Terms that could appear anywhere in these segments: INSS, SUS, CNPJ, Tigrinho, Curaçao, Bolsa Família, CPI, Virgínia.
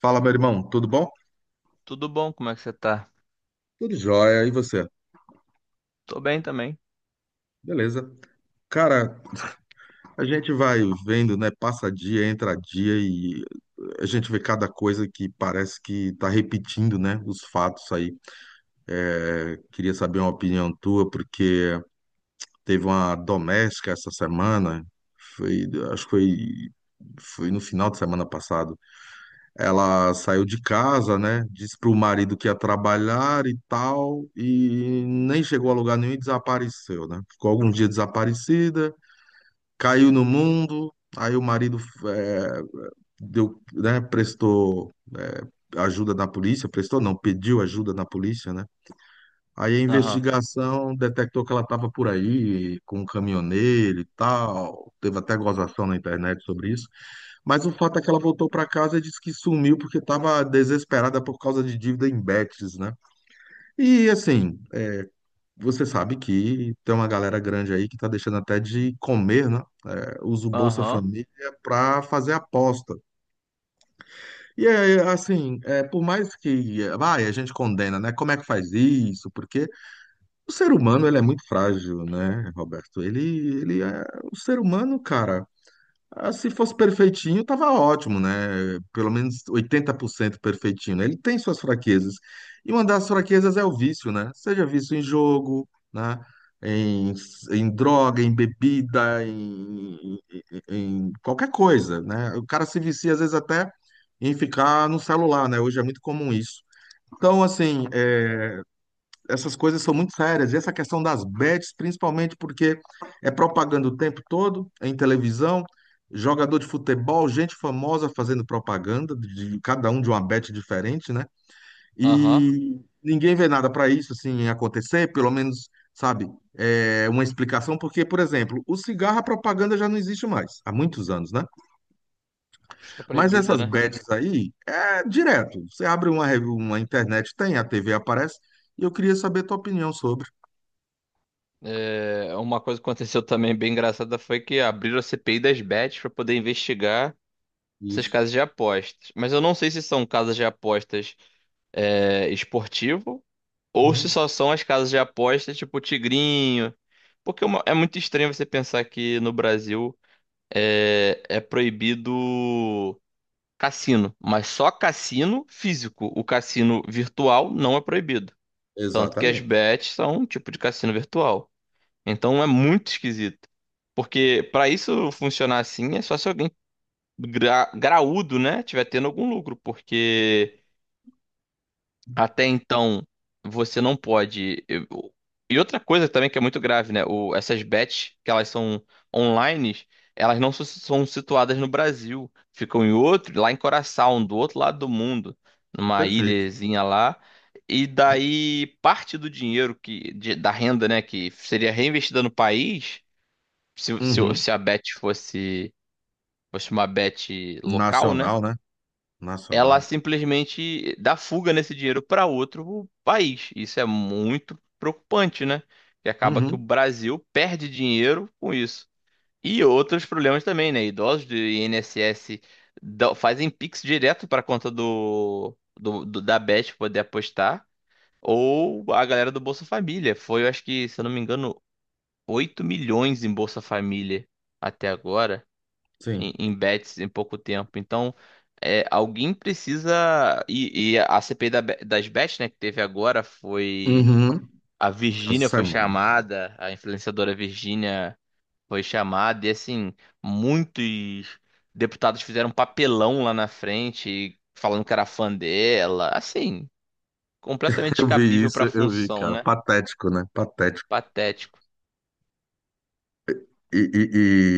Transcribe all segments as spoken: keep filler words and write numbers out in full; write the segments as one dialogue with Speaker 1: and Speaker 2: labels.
Speaker 1: Fala, meu irmão, tudo bom?
Speaker 2: Tudo bom? Como é que você tá?
Speaker 1: Tudo jóia, e você?
Speaker 2: Tô bem também.
Speaker 1: Beleza. Cara, a gente vai vendo, né? Passa dia, entra dia e a gente vê cada coisa que parece que tá repetindo, né? Os fatos aí. É, queria saber uma opinião tua, porque teve uma doméstica essa semana, foi, acho que foi, foi no final de semana passado. Ela saiu de casa, né? Disse para o marido que ia trabalhar e tal, e nem chegou a lugar nenhum e desapareceu, né? Ficou alguns dias desaparecida, caiu no mundo. Aí o marido eh, deu, né? Prestou eh, ajuda na polícia, prestou não, pediu ajuda na polícia, né? Aí a
Speaker 2: Aham.
Speaker 1: investigação detectou que ela estava por aí com um caminhoneiro e tal. Teve até gozação na internet sobre isso. Mas o fato é que ela voltou para casa e disse que sumiu porque estava desesperada por causa de dívida em bets, né? E assim, você sabe que tem uma galera grande aí que está deixando até de comer, né? É, Usa o Bolsa
Speaker 2: Aham.
Speaker 1: Família para fazer aposta. E é assim, é, por mais que, é, vai, a gente condena, né? Como é que faz isso? Porque o ser humano, ele é muito frágil, né, Roberto? Ele, ele é o ser humano, cara. Ah, se fosse perfeitinho, tava ótimo, né? Pelo menos oitenta por cento perfeitinho, né? Ele tem suas fraquezas. E uma das fraquezas é o vício, né? Seja vício em jogo, né? Em, em droga, em bebida, em, em, em qualquer coisa, né? O cara se vicia, às vezes, até em ficar no celular, né? Hoje é muito comum isso. Então, assim, essas coisas são muito sérias. E essa questão das bets, principalmente porque é propaganda o tempo todo, em televisão, jogador de futebol, gente famosa fazendo propaganda, de de cada um de uma bet diferente, né?
Speaker 2: Aham.
Speaker 1: E ninguém vê nada para isso assim acontecer, pelo menos, sabe, é uma explicação, porque, por exemplo, o cigarro, a propaganda já não existe mais, há muitos anos, né?
Speaker 2: Acho que é
Speaker 1: Mas
Speaker 2: proibida,
Speaker 1: essas
Speaker 2: né?
Speaker 1: bets aí é direto. Você abre uma, rev- uma internet, tem, a T V aparece, e eu queria saber a tua opinião sobre
Speaker 2: É, uma coisa que aconteceu também bem engraçada foi que abriram a C P I das bets para poder investigar essas
Speaker 1: isso.
Speaker 2: casas de apostas. Mas eu não sei se são casas de apostas é, esportivo ou se
Speaker 1: Uhum.
Speaker 2: só são as casas de apostas tipo Tigrinho. Porque é uma- é muito estranho você pensar que no Brasil é, é proibido. Cassino, mas só cassino físico. O cassino virtual não é proibido. Tanto que as
Speaker 1: Exatamente.
Speaker 2: bets são um tipo de cassino virtual. Então é muito esquisito. Porque para isso funcionar assim, é só se alguém gra- graúdo, né, tiver tendo algum lucro. Porque até então, você não pode. eu- E outra coisa também que é muito grave, né? O, essas bets, que elas são online, elas não su- são situadas no Brasil. Ficam em outro, lá em Curaçao, do outro lado do mundo, numa
Speaker 1: Perfeito.
Speaker 2: ilhazinha lá. E daí, parte do dinheiro que, de- da renda, né, que seria reinvestida no país, se, se,
Speaker 1: Uhum.
Speaker 2: se a bet fosse, fosse uma bet local, né?
Speaker 1: Nacional, né?
Speaker 2: Ela
Speaker 1: Nacional.
Speaker 2: simplesmente dá fuga nesse dinheiro para outro país. Isso é muito preocupante, né? Que acaba que o
Speaker 1: Uhum.
Speaker 2: Brasil perde dinheiro com isso. E outros problemas também, né? Idosos do I N S S dão- fazem Pix direto para a conta do, do- do- da Bet poder apostar. Ou a galera do Bolsa Família. Foi, eu acho que, se eu não me engano, oito milhões em Bolsa Família até agora em,
Speaker 1: Sim.
Speaker 2: em bets em pouco tempo. Então, é, alguém precisa. E, e a C P I da be- das bets, né, que teve agora foi.
Speaker 1: Uhum.
Speaker 2: A
Speaker 1: Essa
Speaker 2: Virgínia foi
Speaker 1: semana.
Speaker 2: chamada, a influenciadora Virgínia foi chamada, e assim, muitos deputados fizeram um papelão lá na frente, falando que era fã dela. Assim, completamente
Speaker 1: Eu vi
Speaker 2: descabível
Speaker 1: isso,
Speaker 2: pra
Speaker 1: eu vi,
Speaker 2: função,
Speaker 1: cara.
Speaker 2: né?
Speaker 1: Patético, né? Patético.
Speaker 2: Patético.
Speaker 1: E, e-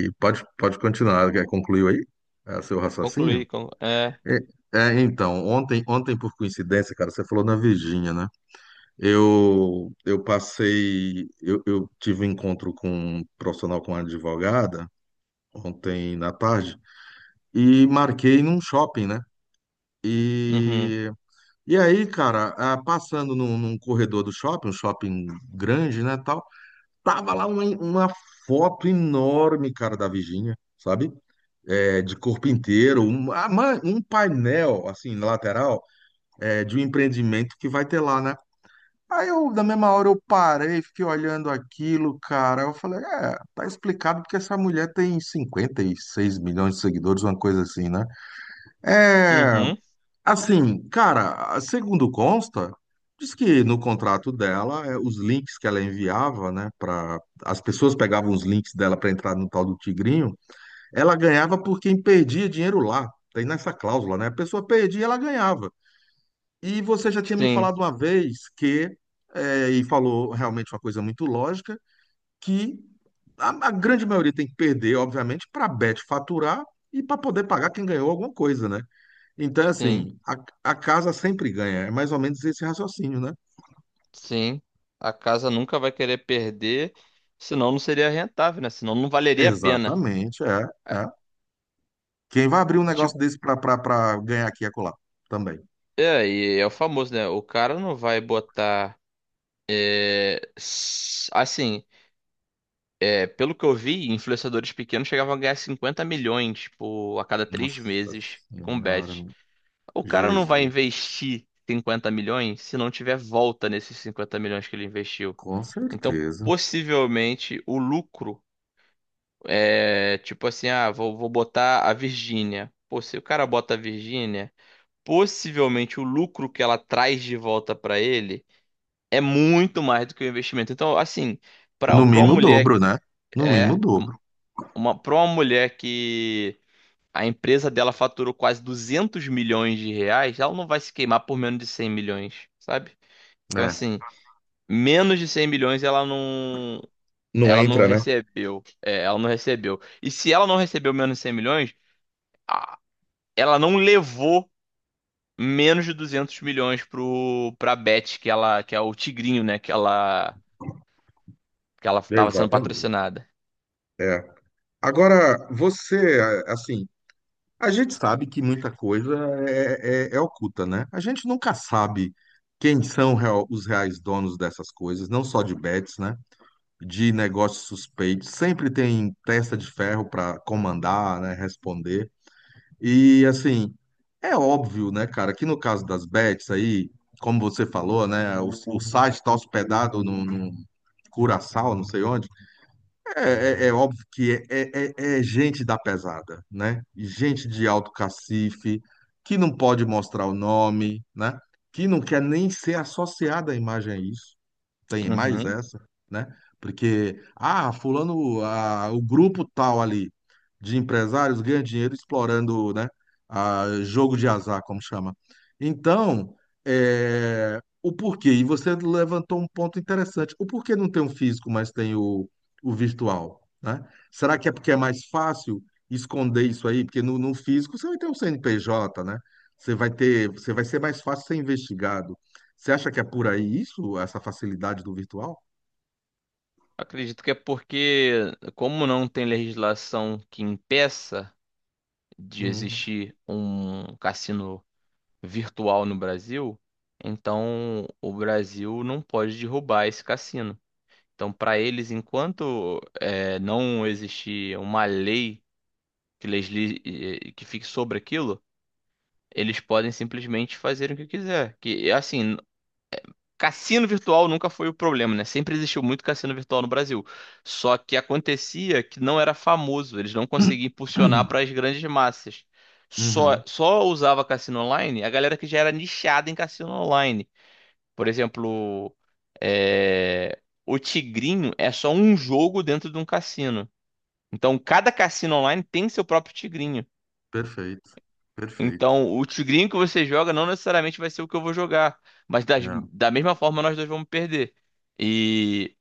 Speaker 1: e pode, pode continuar, quer- concluiu aí? É, seu
Speaker 2: Concluí.
Speaker 1: raciocínio?
Speaker 2: con- É.
Speaker 1: É, é, então, ontem, ontem, por coincidência, cara, você falou na Virgínia, né? Eu, eu passei, eu, eu tive um encontro com um profissional, com uma advogada, ontem na tarde, e marquei num shopping, né?
Speaker 2: Uhum.
Speaker 1: E, e aí, cara, ah, passando num, num corredor do shopping, um shopping grande, né, tal, tava lá uma, uma foto enorme, cara, da Virgínia, sabe? É, de corpo inteiro, um, ah, man- um painel, assim, na lateral, é, de um empreendimento que vai ter lá, né? Aí eu, na mesma hora, eu parei, fiquei olhando aquilo, cara, eu falei, é, tá explicado porque essa mulher tem cinquenta e seis milhões de seguidores, uma coisa assim, né? É,
Speaker 2: Uhum.
Speaker 1: assim, cara, segundo consta, diz que no contrato dela, eh, os links que ela enviava, né, para as pessoas pegavam os links dela para entrar no tal do Tigrinho, ela ganhava por quem perdia dinheiro lá. Tem nessa cláusula, né? A pessoa perdia, ela ganhava. E você já tinha me
Speaker 2: Sim.
Speaker 1: falado uma vez que, eh, e falou realmente uma coisa muito lógica, que a, a grande maioria tem que perder, obviamente, para a Bet faturar e para poder pagar quem ganhou alguma coisa, né? Então,
Speaker 2: Sim.
Speaker 1: assim, a, a casa sempre ganha. É mais ou menos esse raciocínio, né?
Speaker 2: Sim, a casa nunca vai querer perder, senão não seria rentável, né? Senão não valeria a pena.
Speaker 1: Exatamente, é,
Speaker 2: É,
Speaker 1: é. Quem vai abrir um
Speaker 2: Tipo,
Speaker 1: negócio desse pra pra- pra ganhar aqui e acolá? Também.
Speaker 2: é, e é o famoso, né? O cara não vai botar. É, s- assim, é, pelo que eu vi, influenciadores pequenos chegavam a ganhar cinquenta milhões, tipo, a cada três
Speaker 1: Nossa
Speaker 2: meses com
Speaker 1: Senhora,
Speaker 2: bet. O cara não vai
Speaker 1: Jesus.
Speaker 2: investir cinquenta milhões se não tiver volta nesses cinquenta milhões que ele investiu.
Speaker 1: Com
Speaker 2: Então,
Speaker 1: certeza.
Speaker 2: possivelmente, o lucro. É, tipo assim, ah, vou, vou botar a Virgínia. Pô, se o cara bota a Virgínia, possivelmente o lucro que ela traz de volta pra ele é muito mais do que o investimento. Então, assim, pra
Speaker 1: No
Speaker 2: para
Speaker 1: mínimo
Speaker 2: uma
Speaker 1: o
Speaker 2: mulher
Speaker 1: dobro, né? No mínimo o
Speaker 2: é
Speaker 1: dobro.
Speaker 2: uma para uma mulher que a empresa dela faturou quase duzentos milhões de reais, ela não vai se queimar por menos de cem milhões, sabe? Então,
Speaker 1: É.
Speaker 2: assim, menos de cem milhões ela não
Speaker 1: Não
Speaker 2: ela não
Speaker 1: entra, né?
Speaker 2: recebeu. É, ela não recebeu. E se ela não recebeu menos de cem milhões ela não levou menos de duzentos milhões pro, pra Bet, que ela, que é o Tigrinho, né? Que ela, que ela tava sendo
Speaker 1: Exatamente.
Speaker 2: patrocinada.
Speaker 1: É. Agora, você, assim, a gente sabe que muita coisa é, é- é oculta, né? A gente nunca sabe quem são real- os reais donos dessas coisas, não só de bets, né? De negócios suspeitos. Sempre tem testa de ferro para comandar, né? Responder. E, assim, é óbvio, né, cara, que no caso das bets aí, como você falou, né? O, o site está hospedado no, no Curaçao, não sei onde. É, é- é óbvio que é, é- é é gente da pesada, né? Gente de alto cacife, que não pode mostrar o nome, né? Que não quer nem ser associada à imagem a isso tem mais
Speaker 2: Uhum.
Speaker 1: essa, né? Porque, ah, fulano, ah, o grupo tal ali de empresários ganha dinheiro explorando, né, ah, jogo de azar, como chama. Então, é, o porquê, e você levantou um ponto interessante, o porquê não tem o físico, mas tem o, o virtual, né? Será que é porque é mais fácil esconder isso aí? Porque no, no físico você vai ter um C N P J, né? Você vai ter, você vai ser mais fácil ser investigado. Você acha que é por aí isso, essa facilidade do virtual?
Speaker 2: Acredito que é porque, como não tem legislação que impeça de
Speaker 1: Hum.
Speaker 2: existir um cassino virtual no Brasil, então o Brasil não pode derrubar esse cassino. Então, para eles, enquanto eh, não existir uma lei que, legisle eh, que fique sobre aquilo, eles podem simplesmente fazer o que quiser. Que assim, cassino virtual nunca foi o problema, né? Sempre existiu muito cassino virtual no Brasil. Só que acontecia que não era famoso, eles não conseguiam impulsionar para as grandes massas. Só
Speaker 1: Uhum,
Speaker 2: só usava cassino online a galera que já era nichada em cassino online. Por exemplo, é, o Tigrinho é só um jogo dentro de um cassino. Então, cada cassino online tem seu próprio Tigrinho.
Speaker 1: perfeito, perfeito.
Speaker 2: Então, o tigrinho que você joga não necessariamente vai ser o que eu vou jogar, mas das-
Speaker 1: É,
Speaker 2: da mesma forma nós dois vamos perder. E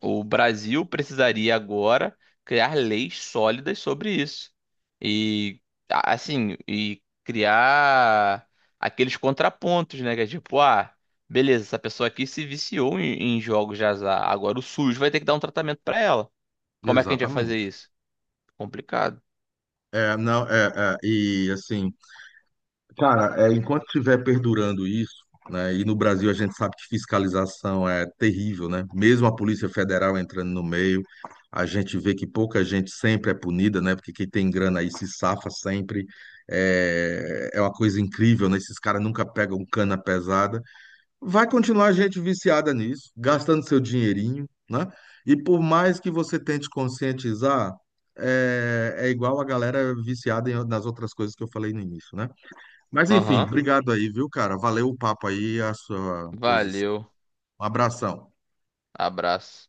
Speaker 2: o Brasil precisaria agora criar leis sólidas sobre isso. E a- assim, e criar aqueles contrapontos, né, que é tipo, ah, beleza, essa pessoa aqui se viciou em, em jogos de azar, agora o SUS vai ter que dar um tratamento pra ela. Como é que a gente vai fazer
Speaker 1: exatamente.
Speaker 2: isso? Complicado.
Speaker 1: É, não, é, é, e assim, cara, é, enquanto estiver perdurando isso, né, e no Brasil a gente sabe que fiscalização é terrível, né? Mesmo a Polícia Federal entrando no meio, a gente vê que pouca gente sempre é punida, né? Porque quem tem grana aí se safa sempre. É, é uma coisa incrível, né? Esses caras nunca pegam cana pesada. Vai continuar gente viciada nisso, gastando seu dinheirinho, né? E por mais que você tente conscientizar, é, é igual a galera viciada em- nas outras coisas que eu falei no início, né? Mas enfim,
Speaker 2: Aham.
Speaker 1: obrigado aí, viu, cara? Valeu o papo aí, a sua posição.
Speaker 2: Valeu.
Speaker 1: Um abração.
Speaker 2: Abraço.